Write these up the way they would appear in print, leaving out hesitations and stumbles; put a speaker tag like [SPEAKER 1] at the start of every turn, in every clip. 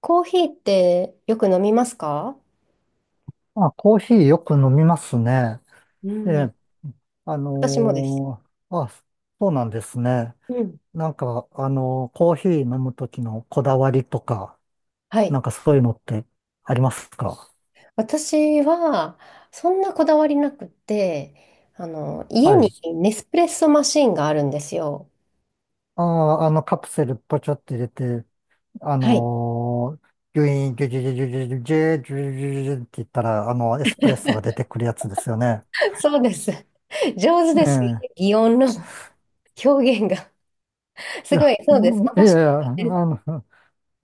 [SPEAKER 1] コーヒーってよく飲みますか？
[SPEAKER 2] あ、コーヒーよく飲みますね。
[SPEAKER 1] う
[SPEAKER 2] え
[SPEAKER 1] ん、
[SPEAKER 2] え、あ
[SPEAKER 1] 私もです。
[SPEAKER 2] のあ、そうなんですね。
[SPEAKER 1] うん、
[SPEAKER 2] なんか、コーヒー飲むときのこだわりとか、
[SPEAKER 1] は
[SPEAKER 2] なん
[SPEAKER 1] い。
[SPEAKER 2] かそういうのってありますか？
[SPEAKER 1] 私は、そんなこだわりなくて、家
[SPEAKER 2] はい。
[SPEAKER 1] にネスプレッソマシンがあるんですよ。
[SPEAKER 2] ああ、あの、カプセルポチョって入れて、あ
[SPEAKER 1] はい。
[SPEAKER 2] のギュイーン、ギュギュギュギュギュギュギュギュギュギュギュって言ったら、あの、エスプレッソが出てくるやつですよね。
[SPEAKER 1] そうです。上手
[SPEAKER 2] え
[SPEAKER 1] ですね。
[SPEAKER 2] え。
[SPEAKER 1] 擬音の表現が。
[SPEAKER 2] い
[SPEAKER 1] すご
[SPEAKER 2] や、
[SPEAKER 1] い、そうです。
[SPEAKER 2] いやい
[SPEAKER 1] 私、
[SPEAKER 2] や、あの、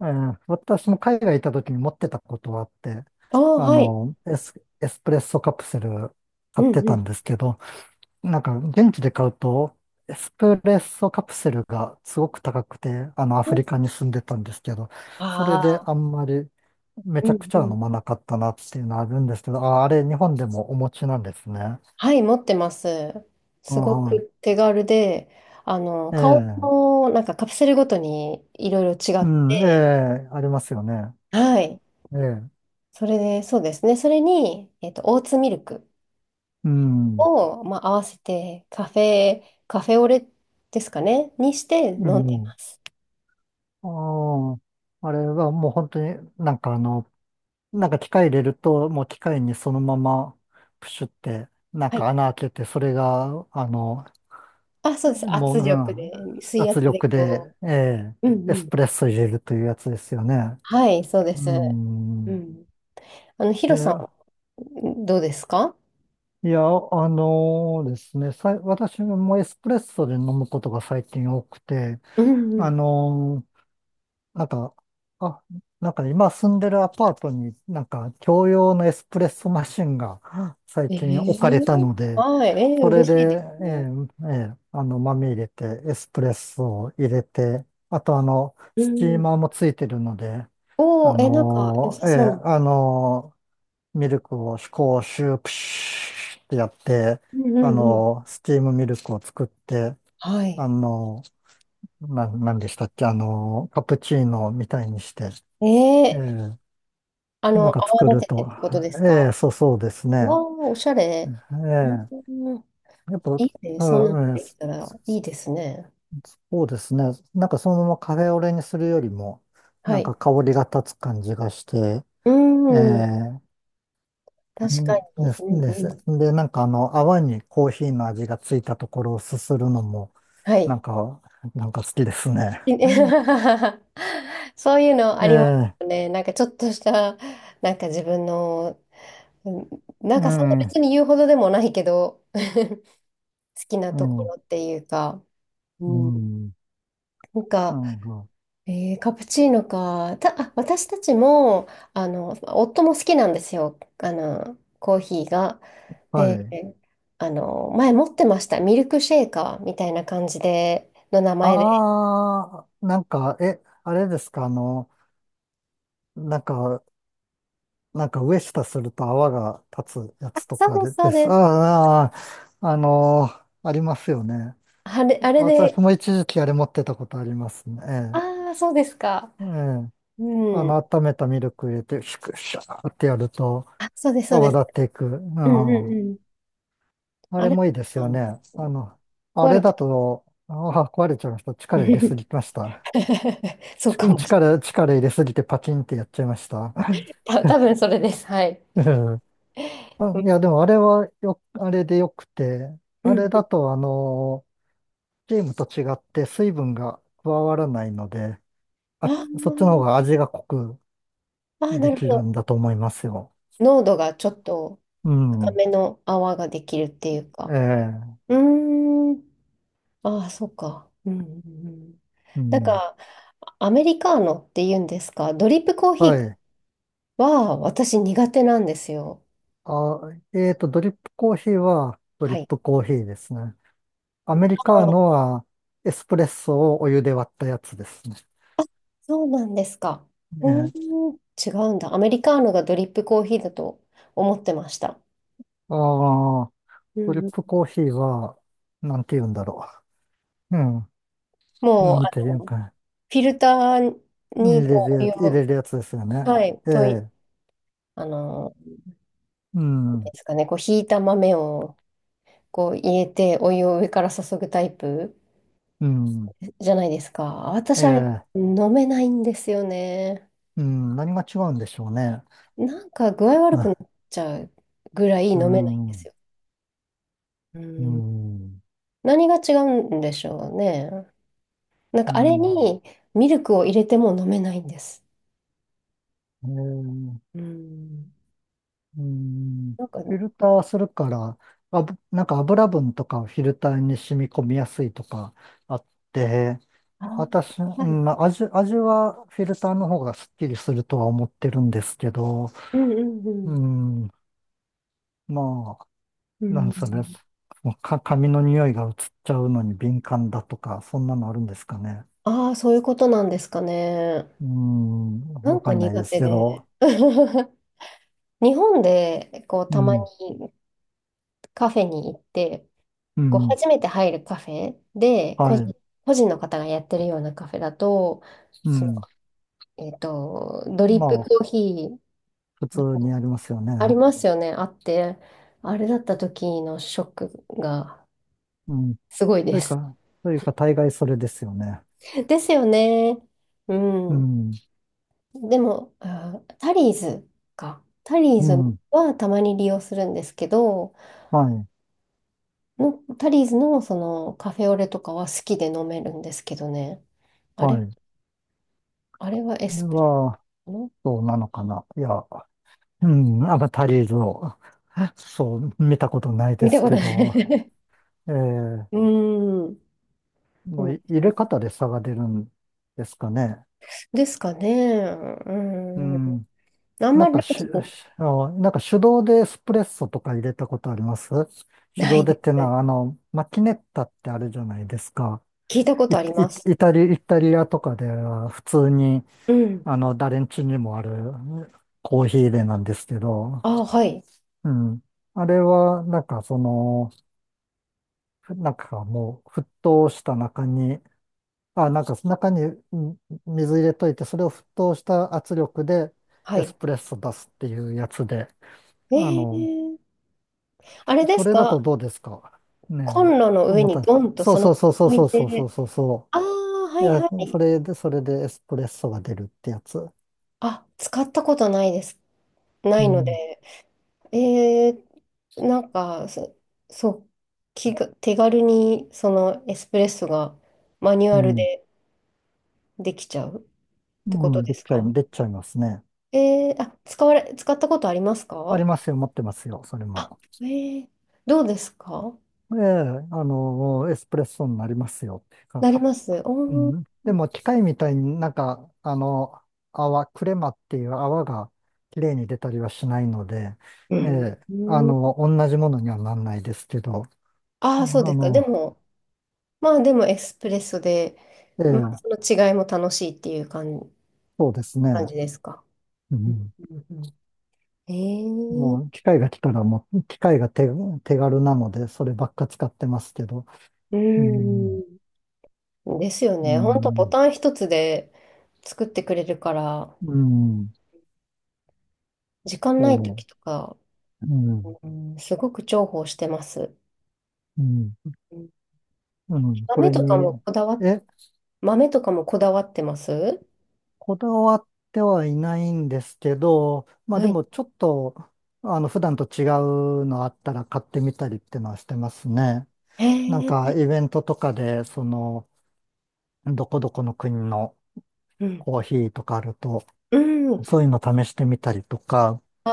[SPEAKER 2] 私も海外行った時に持ってたことはあって、
[SPEAKER 1] ああ、
[SPEAKER 2] あ
[SPEAKER 1] はい。
[SPEAKER 2] の、エスプレッソカプセル
[SPEAKER 1] う
[SPEAKER 2] 買っ
[SPEAKER 1] ん、
[SPEAKER 2] て
[SPEAKER 1] う
[SPEAKER 2] た
[SPEAKER 1] ん、
[SPEAKER 2] んですけど、なんか現地で買うと、エスプレッソカプセルがすごく高くて、あの、アフリカに住んでたんですけど、それ
[SPEAKER 1] あ
[SPEAKER 2] で
[SPEAKER 1] あ、
[SPEAKER 2] あんまりめ
[SPEAKER 1] う
[SPEAKER 2] ちゃく
[SPEAKER 1] ん、
[SPEAKER 2] ち
[SPEAKER 1] う
[SPEAKER 2] ゃは
[SPEAKER 1] ん。
[SPEAKER 2] 飲まなかったなっていうのはあるんですけど、あ、あれ日本でもお持ちなんですね。
[SPEAKER 1] はい、持ってます。
[SPEAKER 2] あ、
[SPEAKER 1] すご
[SPEAKER 2] は
[SPEAKER 1] く手軽で、
[SPEAKER 2] い。え
[SPEAKER 1] 顔
[SPEAKER 2] え、
[SPEAKER 1] のなんかカプセルごとにいろいろ違
[SPEAKER 2] う
[SPEAKER 1] っ
[SPEAKER 2] ん、え
[SPEAKER 1] て、
[SPEAKER 2] え、ありますよね。
[SPEAKER 1] はい。
[SPEAKER 2] ええ、
[SPEAKER 1] それで、そうですね。それに、オーツミルク
[SPEAKER 2] うん、
[SPEAKER 1] を、まあ、合わせて、カフェオレですかね、にして
[SPEAKER 2] う
[SPEAKER 1] 飲んで
[SPEAKER 2] ん。
[SPEAKER 1] ます。
[SPEAKER 2] ああ、あれはもう本当になんかあの、なんか機械入れると、もう機械にそのままプシュって、なん
[SPEAKER 1] はい。
[SPEAKER 2] か穴開けて、それが、あの、
[SPEAKER 1] あ、そうです。
[SPEAKER 2] もう、
[SPEAKER 1] 圧
[SPEAKER 2] う
[SPEAKER 1] 力
[SPEAKER 2] ん、
[SPEAKER 1] で、水
[SPEAKER 2] 圧
[SPEAKER 1] 圧で
[SPEAKER 2] 力で、
[SPEAKER 1] こ
[SPEAKER 2] ええ
[SPEAKER 1] う。う
[SPEAKER 2] エ
[SPEAKER 1] んう
[SPEAKER 2] ス
[SPEAKER 1] ん。
[SPEAKER 2] プレッソ入れるというやつですよね。
[SPEAKER 1] はい、そうで
[SPEAKER 2] う
[SPEAKER 1] す。う
[SPEAKER 2] ん。
[SPEAKER 1] ん。ヒロさ
[SPEAKER 2] え
[SPEAKER 1] ん、どうですか？
[SPEAKER 2] いや、あのですね、私もエスプレッソで飲むことが最近多くて、
[SPEAKER 1] うんう
[SPEAKER 2] あ
[SPEAKER 1] ん。
[SPEAKER 2] のなんか、あ、なんかね今住んでるアパートになんか共用のエスプレッソマシンが最
[SPEAKER 1] え
[SPEAKER 2] 近
[SPEAKER 1] え
[SPEAKER 2] 置かれたので、
[SPEAKER 1] はい、ええ
[SPEAKER 2] それ
[SPEAKER 1] 嬉しいで
[SPEAKER 2] で、
[SPEAKER 1] す
[SPEAKER 2] え
[SPEAKER 1] ね。
[SPEAKER 2] えええあの、豆入れて、エスプレッソを入れて、あとあの、
[SPEAKER 1] う
[SPEAKER 2] スチー
[SPEAKER 1] ん。
[SPEAKER 2] マーもついてるので、
[SPEAKER 1] お
[SPEAKER 2] あ
[SPEAKER 1] ー、え、なんか良
[SPEAKER 2] の
[SPEAKER 1] さ
[SPEAKER 2] ええ
[SPEAKER 1] そうな。
[SPEAKER 2] あのミルクをこうシュープシューってやって、
[SPEAKER 1] うんう
[SPEAKER 2] あ
[SPEAKER 1] んうん。
[SPEAKER 2] のスチームミルクを作って、
[SPEAKER 1] はい。
[SPEAKER 2] あのなんでしたっけ、あのカプチーノみたいにして、え
[SPEAKER 1] えー、
[SPEAKER 2] え、なんか作
[SPEAKER 1] 泡
[SPEAKER 2] る
[SPEAKER 1] 立ててっ
[SPEAKER 2] と。
[SPEAKER 1] てことです
[SPEAKER 2] え
[SPEAKER 1] か？
[SPEAKER 2] え、そう、そうです
[SPEAKER 1] わあ
[SPEAKER 2] ね。
[SPEAKER 1] おしゃれ。うん、
[SPEAKER 2] ええ、やっぱ、
[SPEAKER 1] いいね。
[SPEAKER 2] う
[SPEAKER 1] そんなの
[SPEAKER 2] んうん、
[SPEAKER 1] でき
[SPEAKER 2] そ
[SPEAKER 1] たらいいですね。
[SPEAKER 2] うですね。なんかそのままカフェオレにするよりも、
[SPEAKER 1] は
[SPEAKER 2] なんか
[SPEAKER 1] い。
[SPEAKER 2] 香りが立つ感じがして、
[SPEAKER 1] う
[SPEAKER 2] え
[SPEAKER 1] ん、
[SPEAKER 2] え、
[SPEAKER 1] 確か
[SPEAKER 2] うんで
[SPEAKER 1] に。
[SPEAKER 2] す
[SPEAKER 1] うん
[SPEAKER 2] です。
[SPEAKER 1] うん。
[SPEAKER 2] で、なんかあの、泡にコーヒーの味がついたところをすするのも、
[SPEAKER 1] は
[SPEAKER 2] な
[SPEAKER 1] い。
[SPEAKER 2] んか、なんか好きですね。
[SPEAKER 1] そういうのあ
[SPEAKER 2] ええ、
[SPEAKER 1] りま
[SPEAKER 2] え
[SPEAKER 1] す
[SPEAKER 2] え、
[SPEAKER 1] ね。なんかちょっとした、なんか自分の、うん、なん
[SPEAKER 2] う
[SPEAKER 1] かそんな
[SPEAKER 2] ん、
[SPEAKER 1] 別に言うほどでもないけど、好きなところっていうか。う
[SPEAKER 2] う
[SPEAKER 1] ん、
[SPEAKER 2] ん、
[SPEAKER 1] なん
[SPEAKER 2] な
[SPEAKER 1] か、
[SPEAKER 2] んか、
[SPEAKER 1] カプチーノか。あ、私たちも、夫も好きなんですよ。コーヒーが。
[SPEAKER 2] は
[SPEAKER 1] で、
[SPEAKER 2] い。
[SPEAKER 1] 前持ってました。ミルクシェイカーみたいな感じで、の名前で。
[SPEAKER 2] ああ、なんか、え、あれですか、あの、なんか、なんか上下すると泡が立つや
[SPEAKER 1] あ、
[SPEAKER 2] つと
[SPEAKER 1] そう
[SPEAKER 2] か
[SPEAKER 1] で
[SPEAKER 2] で、
[SPEAKER 1] す、そ
[SPEAKER 2] で
[SPEAKER 1] う
[SPEAKER 2] す。
[SPEAKER 1] で
[SPEAKER 2] あ
[SPEAKER 1] す。
[SPEAKER 2] あ、ああありますよね。
[SPEAKER 1] あれ、あれ
[SPEAKER 2] 私
[SPEAKER 1] で、
[SPEAKER 2] も一時期あれ持ってたことありますね。ええ。
[SPEAKER 1] ああ、そうですか。
[SPEAKER 2] ええあ
[SPEAKER 1] う
[SPEAKER 2] の、
[SPEAKER 1] ん。
[SPEAKER 2] 温めたミルク入れて、シュクシャーってやると
[SPEAKER 1] あ、そうです、そうで
[SPEAKER 2] 泡
[SPEAKER 1] す。
[SPEAKER 2] 立っていく。う
[SPEAKER 1] うんうん
[SPEAKER 2] ん。
[SPEAKER 1] うん。
[SPEAKER 2] あ
[SPEAKER 1] あ
[SPEAKER 2] れ
[SPEAKER 1] れ
[SPEAKER 2] もいいです
[SPEAKER 1] な
[SPEAKER 2] よ
[SPEAKER 1] んです
[SPEAKER 2] ね。
[SPEAKER 1] け
[SPEAKER 2] あ
[SPEAKER 1] ど、
[SPEAKER 2] の、あ
[SPEAKER 1] 壊
[SPEAKER 2] れ
[SPEAKER 1] れ
[SPEAKER 2] だ
[SPEAKER 1] て、
[SPEAKER 2] と、ああ、壊れちゃいました。力入れすぎま した。
[SPEAKER 1] そうかもし
[SPEAKER 2] 力入れすぎてパキンってやっちゃいました。
[SPEAKER 1] れない。多分それです。はい。
[SPEAKER 2] うん
[SPEAKER 1] う
[SPEAKER 2] あ、
[SPEAKER 1] ん。
[SPEAKER 2] いや、でもあれはあれでよくて、
[SPEAKER 1] う
[SPEAKER 2] あれ
[SPEAKER 1] ん、
[SPEAKER 2] だと、あの、チームと違って水分が加わらないので、
[SPEAKER 1] あ
[SPEAKER 2] あ、そっちの方が
[SPEAKER 1] ー、
[SPEAKER 2] 味が濃く
[SPEAKER 1] あー、な
[SPEAKER 2] で
[SPEAKER 1] る
[SPEAKER 2] き
[SPEAKER 1] ほ
[SPEAKER 2] るん
[SPEAKER 1] ど。
[SPEAKER 2] だと思いますよ。
[SPEAKER 1] 濃度がちょっと
[SPEAKER 2] う
[SPEAKER 1] 高
[SPEAKER 2] ん。
[SPEAKER 1] めの泡ができるっていう
[SPEAKER 2] え
[SPEAKER 1] か。
[SPEAKER 2] え、
[SPEAKER 1] うーん。ああ、そうか。うん、うんうん。
[SPEAKER 2] う
[SPEAKER 1] なん
[SPEAKER 2] ん。
[SPEAKER 1] か、アメリカーノって言うんですか、ドリップコーヒ
[SPEAKER 2] は
[SPEAKER 1] ー
[SPEAKER 2] い。
[SPEAKER 1] は私苦手なんですよ。
[SPEAKER 2] あ、えーと、ドリップコーヒーはドリ
[SPEAKER 1] は
[SPEAKER 2] ッ
[SPEAKER 1] い。
[SPEAKER 2] プコーヒーですね。アメリカーノ
[SPEAKER 1] あ、
[SPEAKER 2] はエスプレッソをお湯で割ったやつですね。
[SPEAKER 1] そうなんですか。
[SPEAKER 2] ね
[SPEAKER 1] う
[SPEAKER 2] え。
[SPEAKER 1] ーん、違うんだ。アメリカーノがドリップコーヒーだと思ってました。
[SPEAKER 2] ああ、
[SPEAKER 1] う
[SPEAKER 2] ドリッ
[SPEAKER 1] ん、うん、
[SPEAKER 2] プコーヒーは、なんて言うんだろう。うん。
[SPEAKER 1] も
[SPEAKER 2] な
[SPEAKER 1] う、
[SPEAKER 2] んて言う
[SPEAKER 1] の、フ
[SPEAKER 2] か。
[SPEAKER 1] ィルターにこうお湯
[SPEAKER 2] 入れ
[SPEAKER 1] を、
[SPEAKER 2] るやつですよね。
[SPEAKER 1] はい、
[SPEAKER 2] ええ、
[SPEAKER 1] なん
[SPEAKER 2] うん、
[SPEAKER 1] ですかね、こう、ひいた豆をこう入れてお湯を上から注ぐタイプ
[SPEAKER 2] うん、
[SPEAKER 1] じゃないですか。私
[SPEAKER 2] え
[SPEAKER 1] あれ
[SPEAKER 2] え、
[SPEAKER 1] 飲めないんですよね。
[SPEAKER 2] うん、何が違うんでしょうね。
[SPEAKER 1] なんか具合悪くなっ
[SPEAKER 2] あ
[SPEAKER 1] ちゃうぐらい
[SPEAKER 2] う
[SPEAKER 1] 飲めないんです
[SPEAKER 2] ん、
[SPEAKER 1] よ。う
[SPEAKER 2] う
[SPEAKER 1] ん。
[SPEAKER 2] ん、
[SPEAKER 1] 何が違うんでしょうね。なん
[SPEAKER 2] う
[SPEAKER 1] かあれ
[SPEAKER 2] ん、
[SPEAKER 1] にミルクを入れても飲めないんです。
[SPEAKER 2] ええ、
[SPEAKER 1] うん。
[SPEAKER 2] うん、
[SPEAKER 1] なんか、
[SPEAKER 2] フィルターするから、あぶ、なんか油分とかをフィルターに染み込みやすいとかあって、
[SPEAKER 1] あ、
[SPEAKER 2] 私、う
[SPEAKER 1] はい。
[SPEAKER 2] ん、まあ味はフィルターの方がすっきりするとは思ってるんですけど、
[SPEAKER 1] うんうんうん。
[SPEAKER 2] うん、ま
[SPEAKER 1] う
[SPEAKER 2] あ、なんかそれ、
[SPEAKER 1] ん、
[SPEAKER 2] もうか、髪の匂いが移っちゃうのに敏感だとか、そんなのあるんですかね。
[SPEAKER 1] ああ、そういうことなんですかね。
[SPEAKER 2] うーん、
[SPEAKER 1] な
[SPEAKER 2] わ
[SPEAKER 1] ん
[SPEAKER 2] か
[SPEAKER 1] か
[SPEAKER 2] んない
[SPEAKER 1] 苦
[SPEAKER 2] です
[SPEAKER 1] 手
[SPEAKER 2] け
[SPEAKER 1] で。
[SPEAKER 2] ど、
[SPEAKER 1] 日本でこう
[SPEAKER 2] う
[SPEAKER 1] たま
[SPEAKER 2] ん、
[SPEAKER 1] にカフェに行って、
[SPEAKER 2] う
[SPEAKER 1] こう
[SPEAKER 2] ん、
[SPEAKER 1] 初めて入るカフェで、
[SPEAKER 2] は
[SPEAKER 1] 個人、
[SPEAKER 2] い、
[SPEAKER 1] 個人の方がやってるようなカフェだと、
[SPEAKER 2] う
[SPEAKER 1] そ
[SPEAKER 2] ん。
[SPEAKER 1] の、ドリッ
[SPEAKER 2] ま
[SPEAKER 1] プ
[SPEAKER 2] あ、
[SPEAKER 1] コーヒー
[SPEAKER 2] 普通にありますよね。
[SPEAKER 1] ありますよね、あって、あれだった時のショックが
[SPEAKER 2] うん。
[SPEAKER 1] すごい
[SPEAKER 2] と
[SPEAKER 1] で
[SPEAKER 2] いう
[SPEAKER 1] す。
[SPEAKER 2] か、というか、大概それですよね。
[SPEAKER 1] ですよね。う
[SPEAKER 2] う
[SPEAKER 1] ん。
[SPEAKER 2] ん、
[SPEAKER 1] でも、あ、タリーズか。タリー
[SPEAKER 2] う
[SPEAKER 1] ズ
[SPEAKER 2] ん、
[SPEAKER 1] はたまに利用するんですけど、
[SPEAKER 2] はい、
[SPEAKER 1] のタリーズのそのカフェオレとかは好きで飲めるんですけどね。あ
[SPEAKER 2] は
[SPEAKER 1] れ、
[SPEAKER 2] い。こ
[SPEAKER 1] あれはエ
[SPEAKER 2] れ
[SPEAKER 1] スプレ
[SPEAKER 2] は、
[SPEAKER 1] う
[SPEAKER 2] そうなのかな。いや、うん、アバタリーズを、そう、見たことないで
[SPEAKER 1] 見た
[SPEAKER 2] す
[SPEAKER 1] こと
[SPEAKER 2] け
[SPEAKER 1] な
[SPEAKER 2] ど、
[SPEAKER 1] い。
[SPEAKER 2] え
[SPEAKER 1] う
[SPEAKER 2] え
[SPEAKER 1] ーん。う
[SPEAKER 2] まあ、
[SPEAKER 1] ん
[SPEAKER 2] い入れ方で差が出るんですかね。
[SPEAKER 1] ですかね。
[SPEAKER 2] う
[SPEAKER 1] うん。
[SPEAKER 2] ん。
[SPEAKER 1] あん
[SPEAKER 2] なん
[SPEAKER 1] まりな
[SPEAKER 2] か
[SPEAKER 1] んか
[SPEAKER 2] し、し
[SPEAKER 1] ちょっと
[SPEAKER 2] あのなんか手動でエスプレッソとか入れたことあります？手
[SPEAKER 1] な
[SPEAKER 2] 動
[SPEAKER 1] い
[SPEAKER 2] で
[SPEAKER 1] で
[SPEAKER 2] っ
[SPEAKER 1] す
[SPEAKER 2] て
[SPEAKER 1] ね。
[SPEAKER 2] のは、あの、マキネッタってあるじゃないですか。
[SPEAKER 1] 聞いたこ
[SPEAKER 2] イ、
[SPEAKER 1] とあります。
[SPEAKER 2] イタリアとかでは普通に、
[SPEAKER 1] うん。
[SPEAKER 2] あの、誰ん家にもあるコーヒー入れなんですけど、
[SPEAKER 1] あ、はい。
[SPEAKER 2] うん。あれは、なんかその、なんかもう沸騰した中にあ、なんか中にん水入れといて、それを沸騰した圧力で
[SPEAKER 1] は
[SPEAKER 2] エス
[SPEAKER 1] い。
[SPEAKER 2] プレッソ出すっていうやつで、
[SPEAKER 1] え
[SPEAKER 2] あの、
[SPEAKER 1] ー、あれで
[SPEAKER 2] そ
[SPEAKER 1] す
[SPEAKER 2] れだと
[SPEAKER 1] か？
[SPEAKER 2] どうですかね
[SPEAKER 1] コン
[SPEAKER 2] え。
[SPEAKER 1] ロの
[SPEAKER 2] と
[SPEAKER 1] 上
[SPEAKER 2] 思っ
[SPEAKER 1] に
[SPEAKER 2] たんです
[SPEAKER 1] ドンと
[SPEAKER 2] そ
[SPEAKER 1] そ
[SPEAKER 2] うそ
[SPEAKER 1] の
[SPEAKER 2] うそうそう
[SPEAKER 1] まま置
[SPEAKER 2] そ
[SPEAKER 1] い
[SPEAKER 2] うそうそ
[SPEAKER 1] て。
[SPEAKER 2] うそうそ
[SPEAKER 1] ああ、は
[SPEAKER 2] う。い
[SPEAKER 1] い
[SPEAKER 2] や、
[SPEAKER 1] はい。
[SPEAKER 2] それで、それでエスプレッソが出るってやつ。
[SPEAKER 1] あ、使ったことないです。な
[SPEAKER 2] う
[SPEAKER 1] いの
[SPEAKER 2] ん、
[SPEAKER 1] で。えー、なんか、そう、手軽にそのエスプレッソがマニュ
[SPEAKER 2] う
[SPEAKER 1] アル
[SPEAKER 2] ん、
[SPEAKER 1] でできちゃう。て
[SPEAKER 2] う
[SPEAKER 1] こと
[SPEAKER 2] ん、
[SPEAKER 1] ですか？
[SPEAKER 2] できちゃいますね。
[SPEAKER 1] あ、使われ、使ったことあります
[SPEAKER 2] あ
[SPEAKER 1] か？
[SPEAKER 2] りますよ、持ってますよ、それ
[SPEAKER 1] あ、
[SPEAKER 2] も。
[SPEAKER 1] えー、どうですか？
[SPEAKER 2] ええ、あの、エスプレッソになりますよっていうか。
[SPEAKER 1] なります
[SPEAKER 2] う
[SPEAKER 1] おー、
[SPEAKER 2] ん。でも機械みたいになんか、あの、泡、クレマっていう泡が綺麗に出たりはしないので、
[SPEAKER 1] う
[SPEAKER 2] え
[SPEAKER 1] ん。
[SPEAKER 2] え、あ
[SPEAKER 1] うん、
[SPEAKER 2] の、同じものにはなんないですけど、
[SPEAKER 1] あ
[SPEAKER 2] あ
[SPEAKER 1] あ、そうですか。で
[SPEAKER 2] の、
[SPEAKER 1] も、まあでもエスプレッソで、
[SPEAKER 2] え
[SPEAKER 1] まあ、
[SPEAKER 2] え、
[SPEAKER 1] その違いも楽しいっていう感じ
[SPEAKER 2] そうですね。
[SPEAKER 1] 感じですか。
[SPEAKER 2] う
[SPEAKER 1] うん
[SPEAKER 2] ん。
[SPEAKER 1] うんうん、えー、
[SPEAKER 2] もう機械が来たらもう、機械が手、手軽なので、そればっか使ってますけど、う
[SPEAKER 1] う
[SPEAKER 2] ん、
[SPEAKER 1] ん。ですよ
[SPEAKER 2] う
[SPEAKER 1] ね。本当ボ
[SPEAKER 2] ん、
[SPEAKER 1] タン一つで作ってくれるから、
[SPEAKER 2] うん、
[SPEAKER 1] 時間ない
[SPEAKER 2] そ
[SPEAKER 1] 時とか、
[SPEAKER 2] う、うん、
[SPEAKER 1] うん、すごく重宝してます。
[SPEAKER 2] うん、
[SPEAKER 1] うん、
[SPEAKER 2] うん、そ
[SPEAKER 1] 豆
[SPEAKER 2] れ
[SPEAKER 1] とか
[SPEAKER 2] に、
[SPEAKER 1] もこだわっ
[SPEAKER 2] え、
[SPEAKER 1] 豆とかもこだわってます
[SPEAKER 2] こだわってはいないんですけど、まあ
[SPEAKER 1] は
[SPEAKER 2] で
[SPEAKER 1] い。
[SPEAKER 2] もちょっと、あの、普段と違うのあったら買ってみたりっていうのはしてますね。
[SPEAKER 1] へ
[SPEAKER 2] なんか
[SPEAKER 1] え、
[SPEAKER 2] イベントとかで、その、どこどこの国の
[SPEAKER 1] うん。
[SPEAKER 2] コーヒーとかあると、
[SPEAKER 1] うん。
[SPEAKER 2] そういうの試してみたりとか、
[SPEAKER 1] あ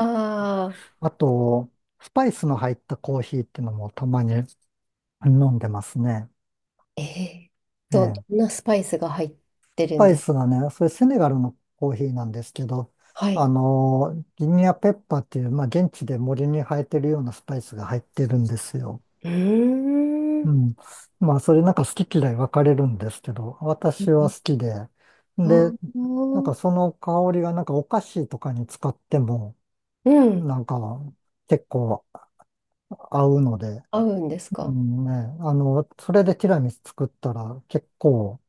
[SPEAKER 1] あ、
[SPEAKER 2] あと、スパイスの入ったコーヒーっていうのもたまに飲んでますね。
[SPEAKER 1] ええ
[SPEAKER 2] え
[SPEAKER 1] ど
[SPEAKER 2] え
[SPEAKER 1] んなスパイスが入ってるん
[SPEAKER 2] パイ
[SPEAKER 1] です？
[SPEAKER 2] スがね、それセネガルのコーヒーなんですけど、
[SPEAKER 1] は
[SPEAKER 2] あ
[SPEAKER 1] い。
[SPEAKER 2] の、ギニアペッパーっていう、まあ、現地で森に生えてるようなスパイスが入ってるんですよ。
[SPEAKER 1] うーん。う
[SPEAKER 2] う
[SPEAKER 1] ん、
[SPEAKER 2] ん。まあ、それなんか好き嫌い分かれるんですけど、私は好きで、
[SPEAKER 1] あ
[SPEAKER 2] で、なんか
[SPEAKER 1] ー、
[SPEAKER 2] その香りがなんかお菓子とかに使っても、
[SPEAKER 1] うん。
[SPEAKER 2] なんか結構合うので、
[SPEAKER 1] 合うんです
[SPEAKER 2] う
[SPEAKER 1] か？
[SPEAKER 2] んね、あの、それでティラミス作ったら結構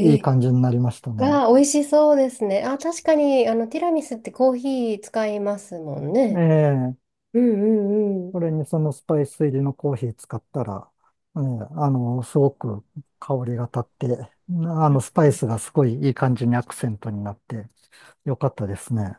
[SPEAKER 2] いい
[SPEAKER 1] え、
[SPEAKER 2] 感じになりましたね。
[SPEAKER 1] ああ、美味しそうですね。あ、確かに、ティラミスってコーヒー使いますもんね。
[SPEAKER 2] ええ
[SPEAKER 1] うんうんう
[SPEAKER 2] そ
[SPEAKER 1] ん。
[SPEAKER 2] れにそのスパイス入りのコーヒー使ったら、ね、あの、すごく香りが立って、あの、スパイスがすごいいい感じにアクセントになって、よかったですね。